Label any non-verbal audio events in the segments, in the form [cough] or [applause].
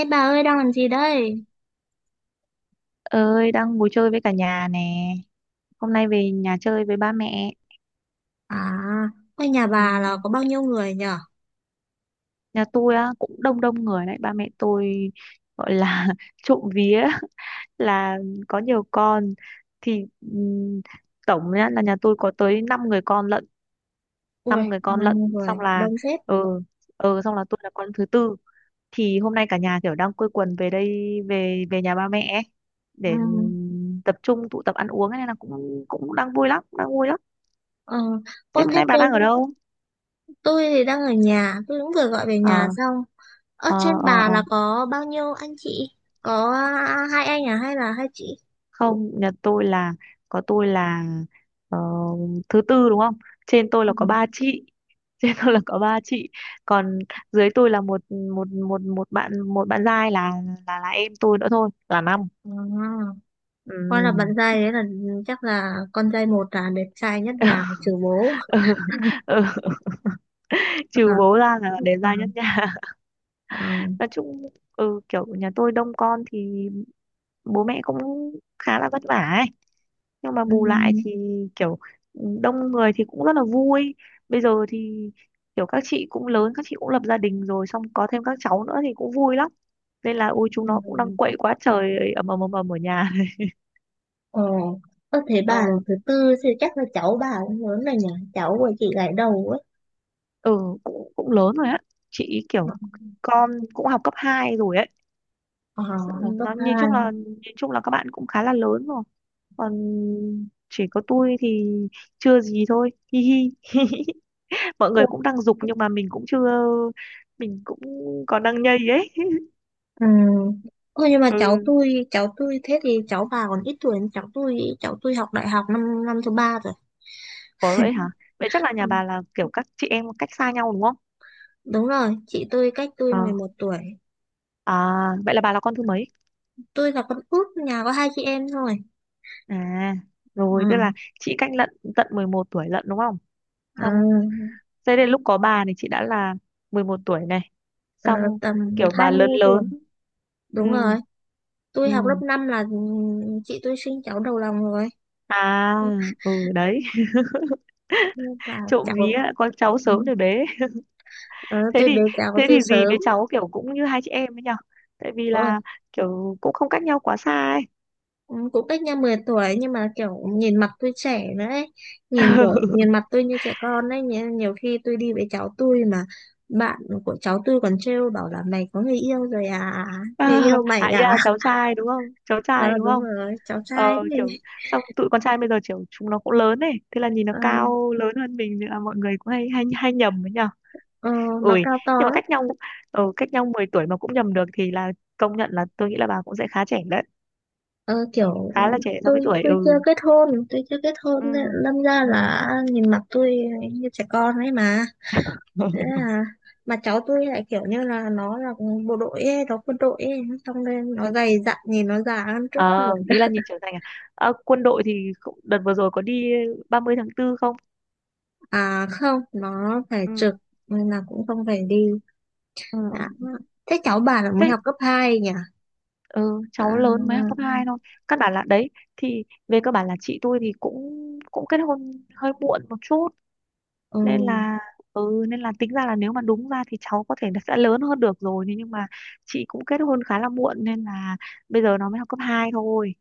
Ê bà ơi, đang làm gì đây? Ơi, đang ngồi chơi với cả nhà nè. Hôm nay về nhà chơi với ba mẹ. À, ở nhà bà là Ừm, có bao nhiêu người nhở? Nhà tôi á cũng đông đông người đấy. Ba mẹ tôi gọi là [laughs] trộm vía [laughs] là có nhiều con, thì tổng nhá là nhà tôi có tới 5 người con lận. Ui, Năm người con bao lận, nhiêu người? xong là Đông xếp. ờ xong là tôi là con thứ tư. Thì hôm nay cả nhà kiểu đang quây quần về đây, về về nhà ba mẹ ấy, Ừ. để tập trung tụ tập ăn uống ấy, nên là cũng cũng đang vui lắm, đang vui lắm. Ờ. Ô, Thế hôm thế nay bà tên đang ở đâu? tôi thì đang ở nhà, tôi cũng vừa gọi về nhà ờ xong. Ở ờ trên ờ bà ờ. là có bao nhiêu anh chị? Có, à, hai anh à hay là hai chị? Không, nhà tôi là có tôi là ờ, thứ tư đúng không, trên tôi Ừ. là có ba chị. [laughs] Trên tôi là có ba chị, còn dưới tôi là một một một một bạn, một bạn giai là là em tôi nữa thôi, là năm. À, Ừ. con là bạn trai đấy, là chắc là con trai một là đẹp trai nhất nhà trừ bố. [laughs] Ừ. [laughs] Ừ. Trừ À. bố ra là để À. giai nhất nhà. À. [laughs] Nói chung, ừ, kiểu nhà tôi đông con thì bố mẹ cũng khá là vất vả ấy, nhưng mà Ừ. bù lại thì kiểu đông người thì cũng rất là vui. Bây giờ thì kiểu các chị cũng lớn, các chị cũng lập gia đình rồi, xong có thêm các cháu nữa thì cũng vui lắm, nên là ôi chúng nó cũng đang Ừ. quậy quá trời, ầm ầm ầm ầm ở nhà. Ờ, ơ thế [laughs] bà Ờ, thứ tư thì chắc là cháu bà cũng lớn rồi nhỉ? Cháu của chị gái đầu ấy. ừ, cũng cũng lớn rồi á. Chị kiểu con cũng học cấp 2 rồi ấy. Ờ, Ừ, học cấp nó hai. Nhìn chung là các bạn cũng khá là lớn rồi, còn chỉ có tôi thì chưa gì thôi, hi hi. [laughs] Mọi Ồ. người cũng đang giục nhưng mà mình cũng chưa, mình cũng còn đang nhây ấy. Ừ. Ồ, nhưng mà cháu Ừ, tôi, cháu tôi thế thì cháu bà còn ít tuổi hơn cháu tôi, ý. Cháu tôi học đại học năm năm thứ ba rồi. có vậy hả. Vậy chắc là nhà Ừ, bà là kiểu các chị em cách xa nhau đúng không. đúng rồi, chị tôi cách tôi Ờ, 11 tuổi. à, vậy là bà là con thứ mấy. Tôi là con út, nhà có hai chị em thôi. À, rồi tức là Ừ. chị cách lận, tận 11 tuổi lận đúng không. ờ, Xong thế đến lúc có bà thì chị đã là 11 tuổi này, ờ, xong tầm kiểu bà lớn 20 tuổi. lớn. Ừ. Đúng rồi, tôi Ừ, học lớp 5 là chị tôi sinh cháu đầu lòng rồi. à, ừ đấy. [laughs] Và Trộm vía cháu. con cháu Ừ. sớm rồi bé. Ờ, Thế tôi thì, bé giáo thế từ thì dì sớm. với cháu kiểu cũng như hai chị em ấy nhở, tại vì Ôi, là kiểu cũng không cách nhau quá xa ấy. cũng cũng cách nhau 10 tuổi nhưng mà kiểu nhìn mặt tôi trẻ nữa ấy. Nhìn kiểu [laughs] nhìn mặt tôi như trẻ con ấy, nhiều, nhiều khi tôi đi với cháu tôi mà bạn của cháu tôi còn trêu bảo là mày có người yêu rồi à, Ờ, người yêu mày à ý à. là cháu [laughs] trai đúng không, cháu Ờ trai đúng đúng không. rồi, cháu Ờ trai đấy. kiểu xong tụi con trai bây giờ kiểu chúng nó cũng lớn ấy, thế là nhìn nó Ờ. cao lớn hơn mình thì là mọi người cũng hay hay hay nhầm ấy nhở. Ờ, nó Ui, cao to nhưng mà lắm. cách nhau, ờ, cách nhau 10 tuổi mà cũng nhầm được thì là công nhận, là tôi nghĩ là bà cũng sẽ khá trẻ đấy, Ờ, kiểu khá là trẻ so tôi với tuổi. tôi Ừ. chưa kết hôn tôi chưa kết Ừ. hôn nên lâm ra Ừ. là nhìn mặt tôi như trẻ con ấy mà. Thế [laughs] là mà cháu tôi lại kiểu như là nó là bộ đội ấy, nó quân đội ấy, xong nên nó dày dặn, nhìn nó già hơn trước tuổi. Ờ, ý là [laughs] nhìn trưởng thành à? Ờ, quân đội thì cũng- đợt vừa rồi có đi 30 tháng tư không? À không, nó phải Ừ. trực nên là cũng không phải đi. Ừ. Ừ. À, thế cháu bà là mới Thế học cấp hai nhỉ. ừ, À. cháu lớn mới học cấp 2 thôi. Căn bản là đấy, thì về cơ bản là chị tôi thì cũng cũng kết hôn hơi muộn một chút, Ừ. nên là ừ, nên là tính ra là nếu mà đúng ra thì cháu có thể là sẽ lớn hơn được rồi, thế nhưng mà chị cũng kết hôn khá là muộn, nên là bây giờ nó mới học cấp 2 thôi.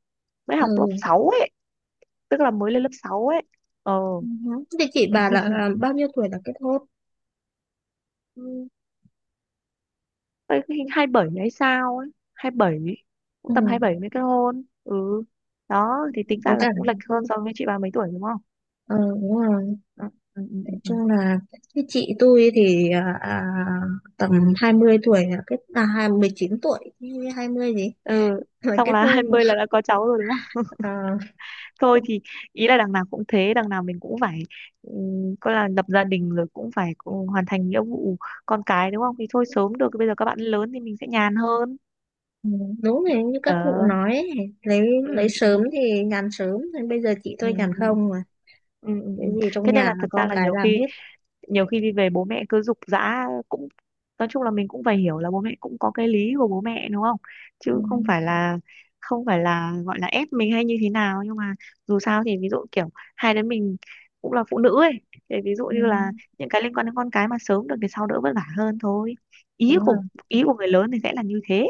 Mới Ừ. học lớp 6 ấy, tức là mới lên lớp 6 ấy. Ờ. Ừ. Thế chị bà là bao nhiêu tuổi là kết hôn. Đấy, cái hai bảy hay sao ấy, hai bảy, cũng Ừ. tầm hai bảy mới kết hôn. Ừ, đó thì tính ra Với là cả cũng lệch hơn so với chị ba mấy tuổi đúng không. ờ đúng rồi, Ừ, ừ, ừ, nói ừ. Ừ. chung là cái chị tôi thì tầm 20 tuổi là 19 tuổi 20 gì. Ừ, Rồi xong kết là [laughs] hai hôn. mươi là đã có cháu rồi đúng không. Ờ. Thôi thì ý là đằng nào cũng thế, đằng nào mình cũng phải coi là lập gia đình rồi cũng phải cũng hoàn thành nghĩa vụ con cái đúng không. Thì thôi sớm được, bây giờ các bạn lớn thì mình sẽ nhàn hơn. Ừ, đúng rồi, như các cụ Ờ. nói ấy, lấy Ừ, lấy ừ, sớm thì nhàn sớm, nên bây giờ chị ừ, tôi nhàn ừ. không mà, Ừ, ừ, cái ừ. gì trong Thế nhà nên là là thật ra con là cái nhiều làm khi, hết. nhiều khi đi về bố mẹ cứ giục giã cũng, nói chung là mình cũng phải hiểu là bố mẹ cũng có cái lý của bố mẹ đúng không. Ừ. Chứ không phải là, không phải là gọi là ép mình hay như thế nào, nhưng mà dù sao thì ví dụ kiểu hai đứa mình cũng là phụ nữ ấy, thì ví dụ Ừ, như là những cái liên quan đến con cái mà sớm được thì sau đỡ vất vả hơn thôi. Ý đúng rồi. của, ý của người lớn thì sẽ là như thế.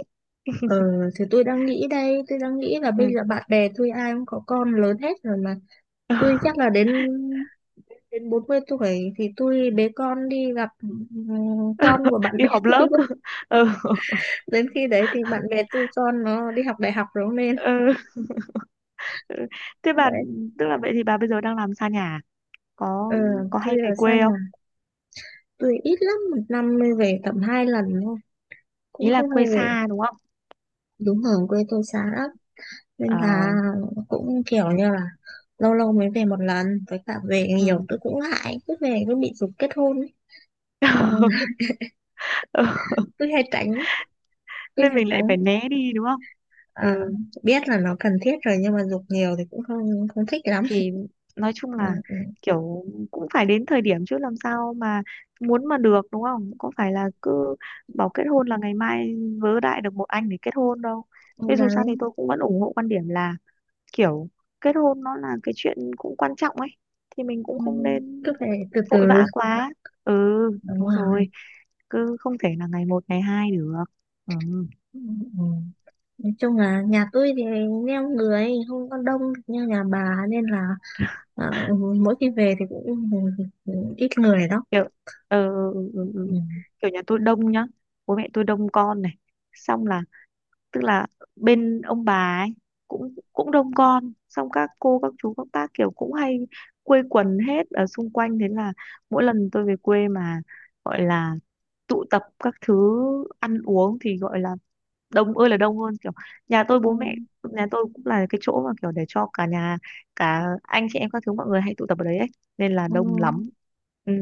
Ờ, thì tôi đang nghĩ là bây Ừ. giờ bạn bè tôi ai cũng có con lớn hết rồi mà, tôi [laughs] chắc là đến đến 40 tuổi thì tôi bế con đi gặp con của bạn Đi bè họp [laughs] lớp. tôi quá. [laughs] Ừ. Đến khi đấy thì bạn bè tôi con nó đi học đại học rồi nên Ừ. Thế bà, đấy. tức là vậy thì bà bây giờ đang làm xa nhà à? có Ờ, có tôi hay về ở xa quê. nhà, tôi ít lắm, một năm mới về tầm hai lần thôi, Ý cũng là không hay quê xa về. đúng không. Đúng, ở quê tôi xa lắm, nên Ờ. là cũng kiểu như là lâu lâu mới về một lần. Với cả về Ừ. nhiều tôi cũng ngại, cứ về cứ bị giục kết hôn ấy. Ừ. [laughs] [laughs] Ừ, tôi hay tránh tôi nên hay mình lại tránh phải né đi đúng không. À, Ừ, biết là nó cần thiết rồi nhưng mà giục nhiều thì cũng không không thích lắm. thì nói chung là À. kiểu cũng phải đến thời điểm, chứ làm sao mà muốn mà được đúng không. Cũng phải là cứ bảo kết hôn là ngày mai vớ đại được một anh để kết hôn đâu. Ừ, Thế dù sao thì đấy. tôi cũng vẫn ủng hộ quan điểm là kiểu kết hôn nó là cái chuyện cũng quan trọng ấy, thì mình cũng Ừ, không nên cứ phải từ từ, vội vã quá. Ừ, đúng đúng rồi. rồi, cứ không thể là ngày một ngày hai được. Ừ. Ừ. Ừ. Nói chung là nhà tôi thì neo người, không có đông như nhà bà, nên là ờ, mỗi khi về thì cũng ít người đó. Kiểu, ờ, ừ, ừ, ừ. Ừ. Kiểu nhà tôi đông nhá, bố mẹ tôi đông con này, xong là tức là bên ông bà ấy cũng cũng đông con, xong các cô các chú các bác kiểu cũng hay quây quần hết ở xung quanh, thế là mỗi lần tôi về quê mà gọi là tụ tập các thứ ăn uống thì gọi là đông ơi là đông. Hơn kiểu nhà tôi, Ừ. bố mẹ nhà tôi cũng là cái chỗ mà kiểu để cho cả nhà, cả anh chị em các thứ mọi người hay tụ tập ở đấy ấy, nên là Ừ. đông lắm. Ừ,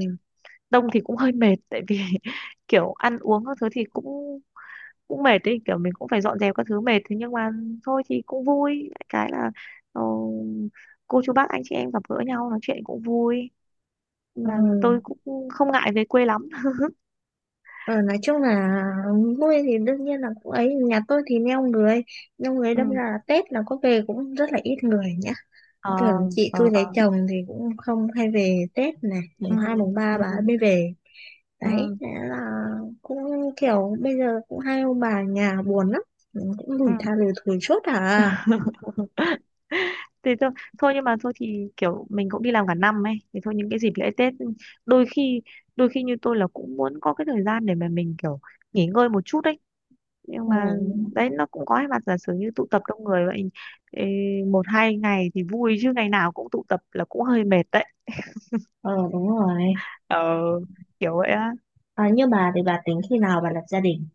đông thì cũng hơi mệt, tại vì [laughs] kiểu ăn uống các thứ thì cũng cũng mệt đấy, kiểu mình cũng phải dọn dẹp các thứ mệt, thế nhưng mà thôi thì cũng vui. Cái là ờ, cô chú bác anh chị em gặp gỡ nhau nói chuyện cũng vui, Ừ. là tôi cũng không ngại về quê lắm. Ờ, nói chung là vui thì đương nhiên là cũng ấy, nhà tôi thì neo người Ừ. đâm ra là Tết là có về cũng rất là ít người nhá, Ờ. tưởng chị Ờ. tôi Ờ. lấy chồng thì cũng không hay về Tết này, Ừ. mùng hai mùng ba Ừ. bà ấy mới về Ừ. đấy. Thế là cũng kiểu bây giờ cũng hai ông bà nhà buồn lắm. Ừ, cũng lủi Ừ. tha lủi thủi suốt à. [laughs] Thì thôi, thôi nhưng mà thôi thì kiểu mình cũng đi làm cả năm ấy, thì thôi những cái dịp lễ Tết, ừ, đôi khi, đôi khi như tôi là cũng muốn có cái thời gian để mà mình kiểu nghỉ ngơi một chút ấy, nhưng Ừ. mà đấy nó cũng có hai mặt. Giả sử như tụ tập đông người vậy, ê, một hai ngày thì vui chứ ngày nào cũng tụ tập là cũng hơi mệt đấy. Ờ đúng rồi. Ờ, kiểu vậy á. À, như bà thì bà tính khi nào bà lập gia đình?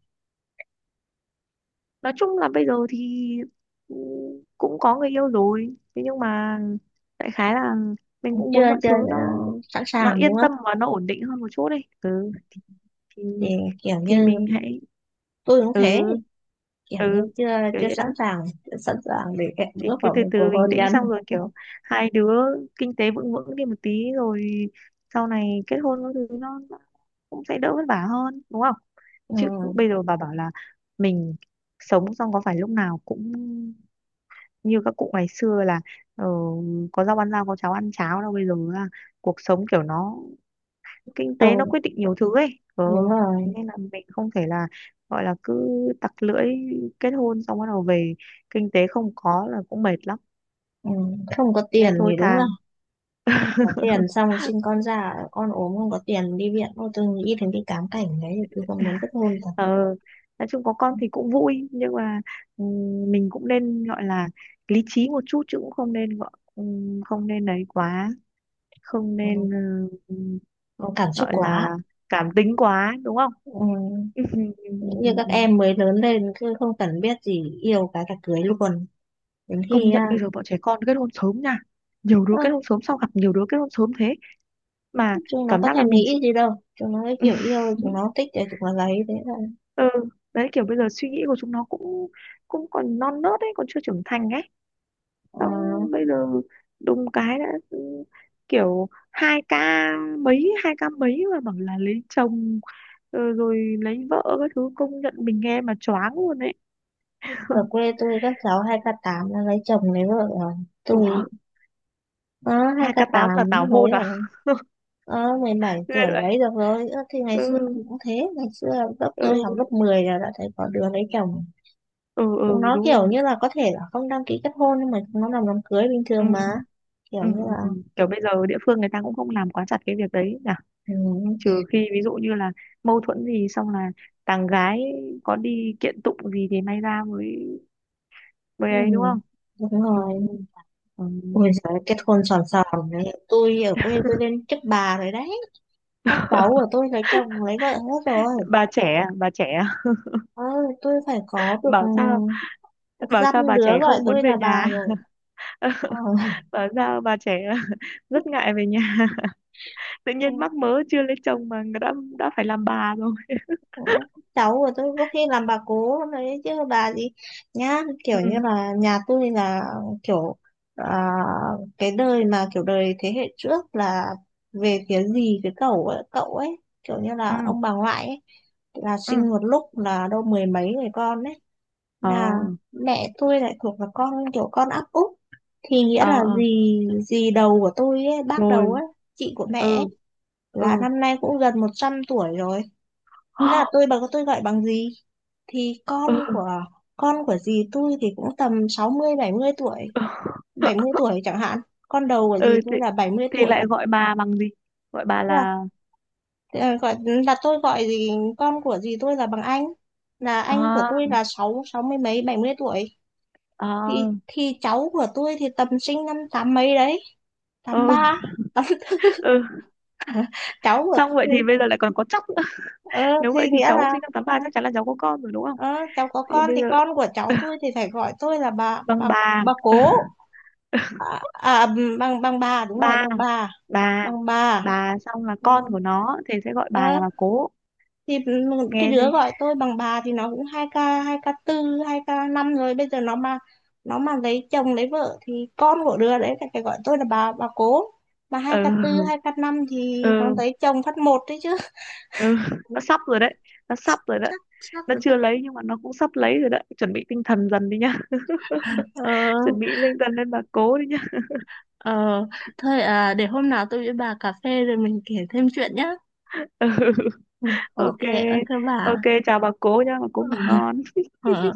Nói chung là bây giờ thì, ừ, cũng có người yêu rồi, thế nhưng mà đại khái là mình cũng Chưa muốn mọi chưa thứ nó ờ, sẵn nó sàng đúng yên không, tâm và nó ổn định hơn một chút đi. Ừ, thì thì kiểu thì như mình hãy, tôi cũng ừ, thế, kiểu ừ, như chưa kiểu chưa vậy đó. sẵn sàng chưa sẵn sàng để em Thì bước cứ vào từ một từ cuộc bình hôn tĩnh, xong nhân. rồi kiểu hai đứa kinh tế vững vững đi một tí rồi sau này kết hôn các thứ nó cũng sẽ đỡ vất vả hơn đúng không. Ừ, Chứ bây giờ bà bảo là mình sống, xong có phải lúc nào cũng như các cụ ngày xưa là ờ, có rau ăn rau có cháo ăn cháo đâu. Bây giờ là cuộc sống kiểu nó, kinh tế nó không quyết định nhiều thứ ấy. Ờ, đúng thế rồi. nên là mình không thể là gọi là cứ tặc lưỡi kết hôn xong bắt đầu về kinh tế không có là cũng mệt lắm, Ừ, không có nên tiền thôi thì đúng, thà. có tiền xong sinh con ra con ốm không có tiền đi viện, ô tôi nghĩ đến cái cám cảnh đấy thì tôi không muốn kết hôn cả. Ờ, nói chung có con thì cũng vui, nhưng mà mình cũng nên gọi là lý trí một chút, chứ cũng không nên gọi không nên đấy quá, không nên. Ừ. Ờ, Nó cảm xúc gọi quá. là cảm tính quá đúng không. Ừ. Ừ, ừ, ừ, ừ, Như ừ. các Ừ. em mới lớn lên cứ không cần biết gì, yêu cái là cưới luôn, đến Công khi nhận à, bây giờ bọn trẻ con kết hôn sớm nha, nhiều đứa ơ, kết hôn sớm, sao gặp nhiều đứa kết hôn sớm thế. Mà chúng nó cảm có giác là thèm mình chỉ nghĩ gì đâu, chúng nó cái kiểu [laughs] yêu chúng nó thích thì chúng nó lấy thế là ừ, đấy kiểu bây giờ suy nghĩ của chúng nó cũng cũng còn non nớt ấy, còn chưa trưởng thành ấy. ờ, Xong bây giờ đùng cái đã, ừ, kiểu hai ca mấy mà bảo là lấy chồng, ờ, rồi lấy vợ các thứ, công nhận mình nghe mà choáng luôn ấy. [laughs] ở quê tôi các cháu hai k tám nó lấy chồng lấy vợ rồi. Ủa, Tôi, uh, hai hai k k tám tám là tảo hôn lấy à? rồi. [laughs] Ờ, 17 Ghê tuổi vậy. mấy được rồi. Ơ, thì ngày xưa Ừ, thì cũng thế, ngày xưa lớp tôi học ừ, lớp 10 là đã thấy có đứa lấy chồng. ừ, Chúng ừ, nó đúng kiểu rồi. như là có thể là không đăng ký kết hôn nhưng mà chúng nó làm đám cưới bình Ừ, thường mà, kiểu ừ, như là ừ. Ừ. Kiểu bây giờ địa phương người ta cũng không làm quá chặt cái việc đấy nhỉ. ừ, Trừ khi ví dụ như là mâu thuẫn gì xong là thằng gái có đi kiện tụng gì thì may ra mới, mới ừ, ấy đúng không? đúng Ừ, rồi. ừ. Ôi giời, kết hôn sòn sòn đấy, tôi ở quê tôi lên chức bà rồi đấy, các cháu của tôi lấy chồng lấy vợ hết rồi. Bà trẻ, à? Bà trẻ, à? Ờ, tôi phải có [laughs] được ừ, Bảo sao, được bảo dăm sao bà đứa trẻ gọi không muốn tôi về là nhà. bà rồi. Ờ. [laughs] Bảo sao bà trẻ [laughs] rất ngại về nhà. [laughs] Tự nhiên mắc [laughs] mớ chưa lấy chồng mà đã phải làm bà rồi. Ừ, cháu của tôi có khi làm bà cố đấy chứ bà gì nhá, Ừ, kiểu như là nhà tôi là kiểu à, cái đời mà kiểu đời thế hệ trước là về phía dì cái cậu ấy kiểu như ừ. là ông bà ngoại ấy, là Ừ. sinh một lúc là đâu mười mấy người con ấy, Ờ. là mẹ tôi lại thuộc là con áp út, thì nghĩa là Ờ. dì dì đầu của tôi ấy, bác đầu Rồi. ấy, chị của mẹ ấy, Ừ. là Ừ. năm nay cũng gần 100 tuổi rồi. Nên là bà [gasps] tôi gọi bằng gì, thì Ừ. Ừ. Con của dì tôi thì cũng tầm 60 70 tuổi, 70 [laughs] tuổi chẳng hạn. Con đầu của dì Ừ tôi là 70 thì tuổi. lại gọi bà bằng gì, gọi bà Thế là là. ờ, gọi là tôi gọi gì con của dì tôi là bằng anh, là anh của À. tôi là sáu sáu mươi mấy 70 tuổi, À. thì cháu của tôi thì tầm sinh năm tám mấy đấy, tám Ừ. ba tám. Ừ. [laughs] Cháu của Xong vậy tôi thì bây giờ lại còn có chắc nữa. [laughs] ờ, Nếu vậy thì thì nghĩa cháu là sinh năm tám ba chắc chắn là cháu có con rồi đúng không. ờ, cháu có Vậy thì con bây thì giờ con của cháu tôi thì phải gọi tôi là bằng bà, bà cố. À, à băng băng bà, đúng rồi, ba, bà băng bà. bà, xong là Ừ. con của nó thì sẽ gọi bà Ờ, là bà cố. thì cái Nghe đứa đi. gọi tôi bằng bà thì nó cũng hai k tư hai k năm rồi, bây giờ nó mà lấy chồng lấy vợ thì con của đứa đấy phải phải gọi tôi là bà cố, mà hai k tư Ừ. hai k năm thì nó Ừ. lấy chồng phát một đấy chứ. Ừ. Nó sắp rồi đấy, nó sắp [laughs] rồi đấy. chắc chắc Nó rồi chắc chưa lấy nhưng mà nó cũng sắp lấy rồi đấy, chuẩn bị tinh thần dần đi nhá. Ờ. [laughs] Chuẩn bị tinh thần lên bà cố đi nhá. Ờ, thôi à, để hôm nào tôi với bà cà phê rồi mình kể thêm chuyện nhá. [laughs] Ừ. Ừ, ok Ok. ok bà. Ok, chào bà cố nhá, bà cố ngủ [laughs] ngon. Ờ.